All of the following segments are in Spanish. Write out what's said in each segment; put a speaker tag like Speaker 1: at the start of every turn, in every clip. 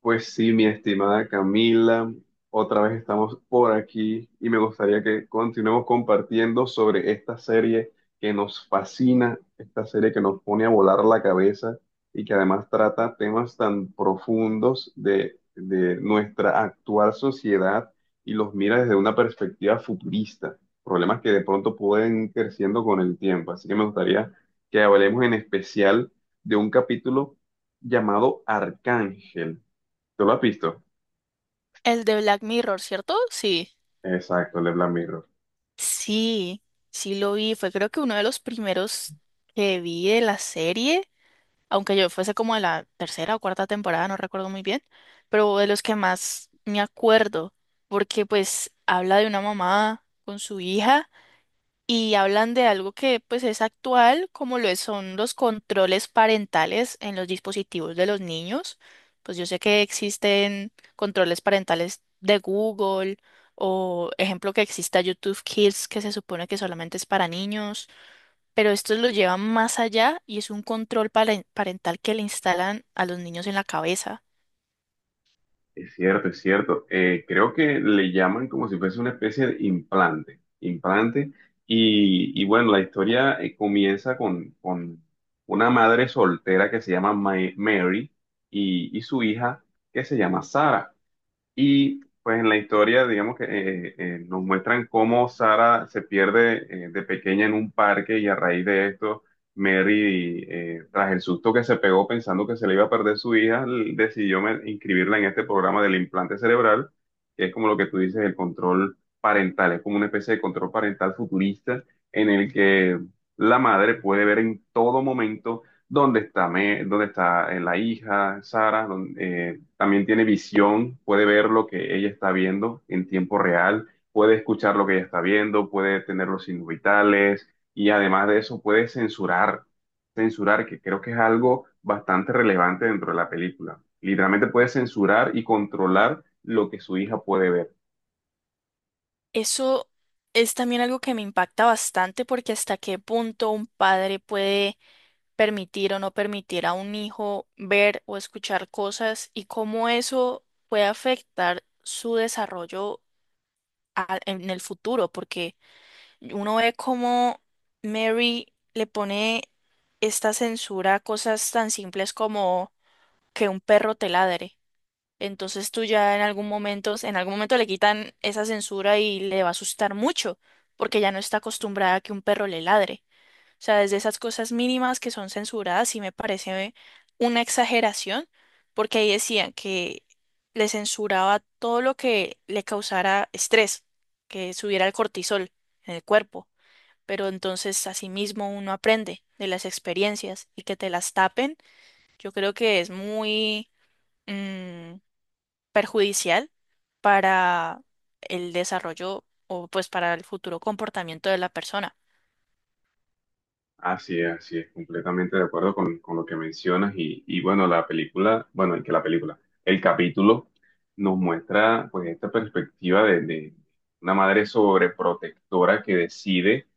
Speaker 1: Pues sí, mi estimada Camila, otra vez estamos por aquí y me gustaría que continuemos compartiendo sobre esta serie que nos fascina, esta serie que nos pone a volar la cabeza y que además trata temas tan profundos de nuestra actual sociedad y los mira desde una perspectiva futurista, problemas que de pronto pueden ir creciendo con el tiempo. Así que me gustaría que hablemos en especial de un capítulo llamado Arcángel. ¿Tú lo has visto?
Speaker 2: El de Black Mirror, ¿cierto? Sí.
Speaker 1: Exacto, el de Black Mirror.
Speaker 2: Sí, sí, lo vi. Fue creo que uno de los primeros que vi de la serie, aunque yo fuese como de la tercera o cuarta temporada, no recuerdo muy bien, pero de los que más me acuerdo, porque pues habla de una mamá con su hija y hablan de algo que pues es actual, como son los controles parentales en los dispositivos de los niños. Pues yo sé que existen controles parentales de Google o ejemplo que exista YouTube Kids que se supone que solamente es para niños, pero estos lo llevan más allá y es un parental que le instalan a los niños en la cabeza.
Speaker 1: Es cierto, es cierto. Creo que le llaman como si fuese una especie de implante. Implante. Y bueno, la historia comienza con una madre soltera que se llama Mary y su hija que se llama Sara. Y pues en la historia, digamos que nos muestran cómo Sara se pierde de pequeña en un parque y a raíz de esto, Mary, tras el susto que se pegó pensando que se le iba a perder su hija, decidió inscribirla en este programa del implante cerebral, que es como lo que tú dices, el control parental, es como una especie de control parental futurista en el que la madre puede ver en todo momento dónde está, dónde está la hija, Sara, también tiene visión, puede ver lo que ella está viendo en tiempo real, puede escuchar lo que ella está viendo, puede tener los signos vitales y además de eso puede censurar, censurar, que creo que es algo bastante relevante dentro de la película. Literalmente puede censurar y controlar lo que su hija puede ver.
Speaker 2: Eso es también algo que me impacta bastante porque hasta qué punto un padre puede permitir o no permitir a un hijo ver o escuchar cosas y cómo eso puede afectar su desarrollo en el futuro, porque uno ve cómo Mary le pone esta censura a cosas tan simples como que un perro te ladre. Entonces tú ya en algún momento le quitan esa censura y le va a asustar mucho, porque ya no está acostumbrada a que un perro le ladre. O sea, desde esas cosas mínimas que son censuradas, sí me parece una exageración, porque ahí decían que le censuraba todo lo que le causara estrés, que subiera el cortisol en el cuerpo. Pero entonces, asimismo, uno aprende de las experiencias y que te las tapen, yo creo que es muy mm, perjudicial para el desarrollo o pues para el futuro comportamiento de la persona.
Speaker 1: Así es, completamente de acuerdo con lo que mencionas y bueno, la película, bueno, y que la película, el capítulo nos muestra pues esta perspectiva de una madre sobreprotectora que decide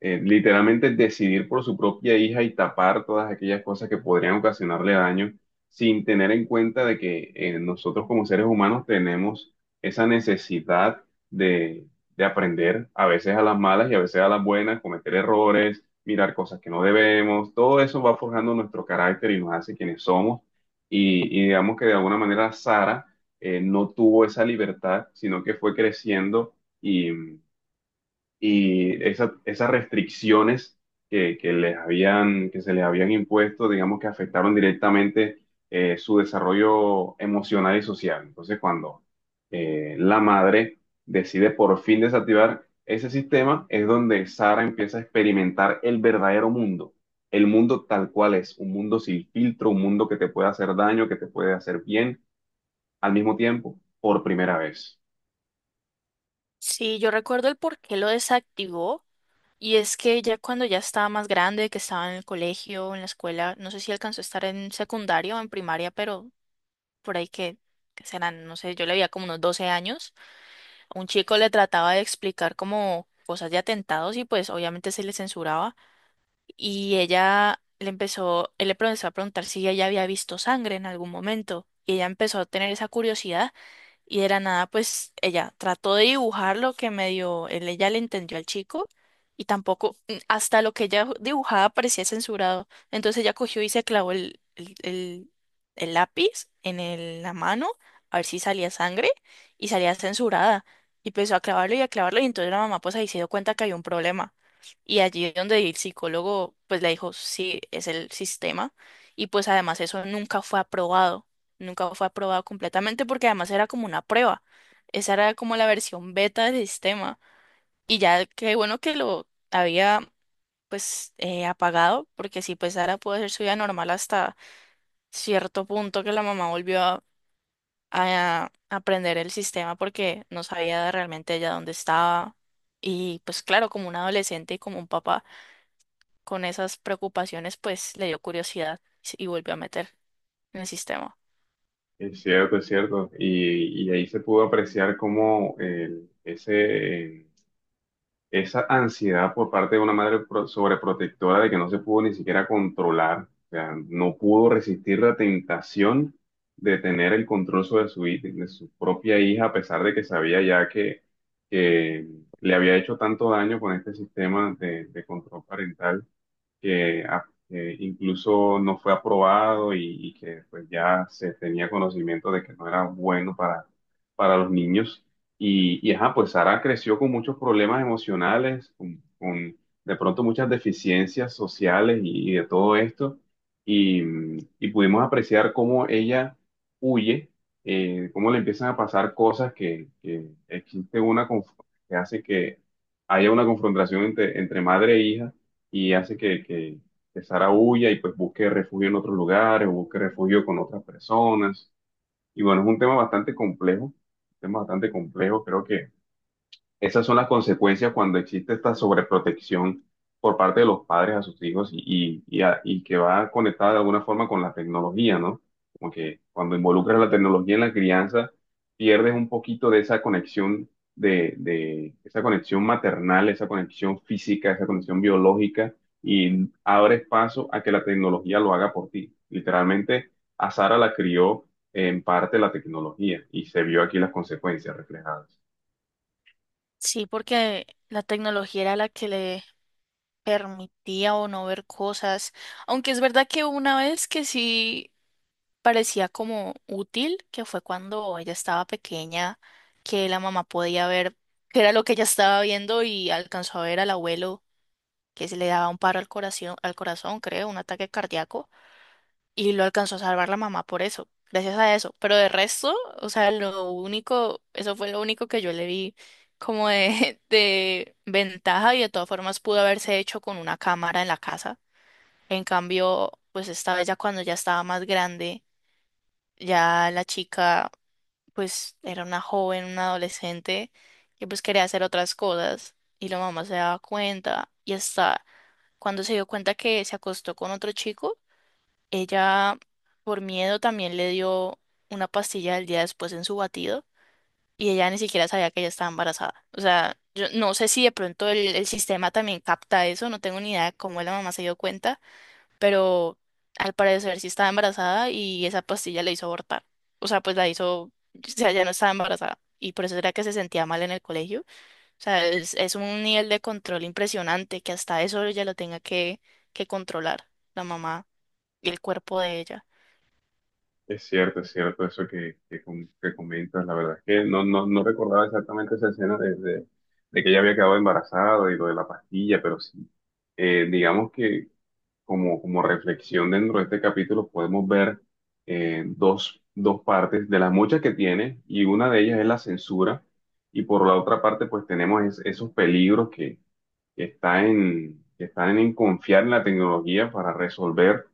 Speaker 1: literalmente decidir por su propia hija y tapar todas aquellas cosas que podrían ocasionarle daño sin tener en cuenta de que nosotros como seres humanos tenemos esa necesidad de, de aprender a veces a las malas y a veces a las buenas, cometer errores, mirar cosas que no debemos, todo eso va forjando nuestro carácter y nos hace quienes somos y digamos que de alguna manera Sara no tuvo esa libertad, sino que fue creciendo y y esas restricciones que les habían, que se les habían impuesto, digamos que afectaron directamente su desarrollo emocional y social. Entonces, cuando la madre decide por fin desactivar ese sistema, es donde Sara empieza a experimentar el verdadero mundo, el mundo tal cual es, un mundo sin filtro, un mundo que te puede hacer daño, que te puede hacer bien al mismo tiempo, por primera vez.
Speaker 2: Sí, yo recuerdo el por qué lo desactivó. Y es que ya cuando ya estaba más grande, que estaba en el colegio, en la escuela, no sé si alcanzó a estar en secundario o en primaria, pero por ahí que serán, no sé, yo le veía como unos 12 años, un chico le trataba de explicar como cosas de atentados y pues obviamente se le censuraba y él le empezó a preguntar si ella ya había visto sangre en algún momento y ella empezó a tener esa curiosidad y de la nada, pues ella trató de dibujar lo que medio ella le entendió al chico y tampoco, hasta lo que ella dibujaba parecía censurado. Entonces ella cogió y se clavó el lápiz en la mano a ver si salía sangre y salía censurada. Y empezó a clavarlo y entonces la mamá pues ahí se dio cuenta que había un problema. Y allí es donde el psicólogo pues le dijo, sí, es el sistema. Y pues además eso nunca fue aprobado. Nunca fue aprobado completamente porque además era como una prueba. Esa era como la versión beta del sistema. Y ya qué bueno que lo había apagado, porque sí pues Sara pudo hacer su vida normal hasta cierto punto que la mamá volvió a aprender el sistema porque no sabía realmente ella dónde estaba. Y pues claro, como un adolescente y como un papá con esas preocupaciones, pues le dio curiosidad y volvió a meter en el sistema.
Speaker 1: Es cierto, es cierto. Y ahí se pudo apreciar cómo ese, esa ansiedad por parte de una madre sobreprotectora de que no se pudo ni siquiera controlar, o sea, no pudo resistir la tentación de tener el control sobre de su propia hija, a pesar de que sabía ya que le había hecho tanto daño con este sistema de control parental que, que incluso no fue aprobado y que pues ya se tenía conocimiento de que no era bueno para los niños. Y ajá, pues Sara creció con muchos problemas emocionales, con de pronto muchas deficiencias sociales y de todo esto. Y, y pudimos apreciar cómo ella huye, cómo le empiezan a pasar cosas que existe una que hace que haya una confrontación entre, entre madre e hija y hace que Sara huya y pues busque refugio en otros lugares o busque refugio con otras personas. Y bueno, es un tema bastante complejo, un tema bastante complejo. Creo que esas son las consecuencias cuando existe esta sobreprotección por parte de los padres a sus hijos y y que va conectada de alguna forma con la tecnología, ¿no? Como que cuando involucras la tecnología en la crianza, pierdes un poquito de esa conexión, de esa conexión maternal, esa conexión física, esa conexión biológica y abres paso a que la tecnología lo haga por ti. Literalmente, a Sara la crió en parte la tecnología y se vio aquí las consecuencias reflejadas.
Speaker 2: Sí, porque la tecnología era la que le permitía o no ver cosas, aunque es verdad que una vez que sí parecía como útil, que fue cuando ella estaba pequeña, que la mamá podía ver qué era lo que ella estaba viendo y alcanzó a ver al abuelo que se le daba un paro al corazón, creo, un ataque cardíaco, y lo alcanzó a salvar la mamá por eso, gracias a eso. Pero de resto, o sea, lo único, eso fue lo único que yo le vi como de, de ventaja y de todas formas pudo haberse hecho con una cámara en la casa en cambio, pues esta vez ya cuando ya estaba más grande, ya la chica pues era una joven, una adolescente que pues quería hacer otras cosas y la mamá se daba cuenta y hasta cuando se dio cuenta que se acostó con otro chico, ella por miedo también le dio una pastilla el día después en su batido y ella ni siquiera sabía que ella estaba embarazada. O sea, yo no sé si de pronto el sistema también capta eso, no tengo ni idea de cómo la mamá se dio cuenta pero al parecer sí estaba embarazada y esa pastilla le hizo abortar. O sea, pues la hizo, o sea, ya no estaba embarazada. Y por eso era que se sentía mal en el colegio. O sea, es un nivel de control impresionante que hasta eso ella lo tenga que controlar, la mamá y el cuerpo de ella.
Speaker 1: Es cierto eso que, que comentas. La verdad es que no, no, no recordaba exactamente esa escena de que ella había quedado embarazada y lo de la pastilla, pero sí, digamos que como, como reflexión dentro de este capítulo podemos ver dos, dos partes de las muchas que tiene y una de ellas es la censura y por la otra parte pues tenemos esos peligros que está en, que están en confiar en la tecnología para resolver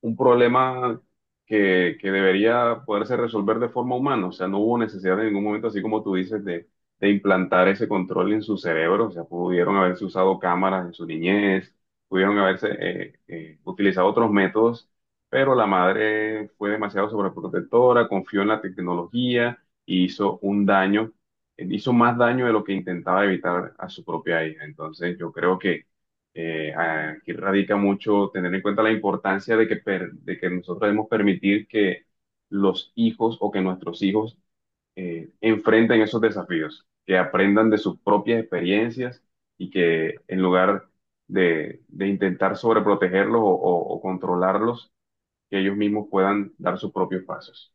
Speaker 1: un problema que debería poderse resolver de forma humana. O sea, no hubo necesidad en ningún momento, así como tú dices, de implantar ese control en su cerebro. O sea, pudieron haberse usado cámaras en su niñez, pudieron haberse utilizado otros métodos, pero la madre fue demasiado sobreprotectora, confió en la tecnología y hizo un daño. Hizo más daño de lo que intentaba evitar a su propia hija. Entonces, yo creo que aquí radica mucho tener en cuenta la importancia de que, de que nosotros debemos permitir que los hijos o que nuestros hijos enfrenten esos desafíos, que aprendan de sus propias experiencias y que en lugar de intentar sobreprotegerlos o controlarlos, que ellos mismos puedan dar sus propios pasos.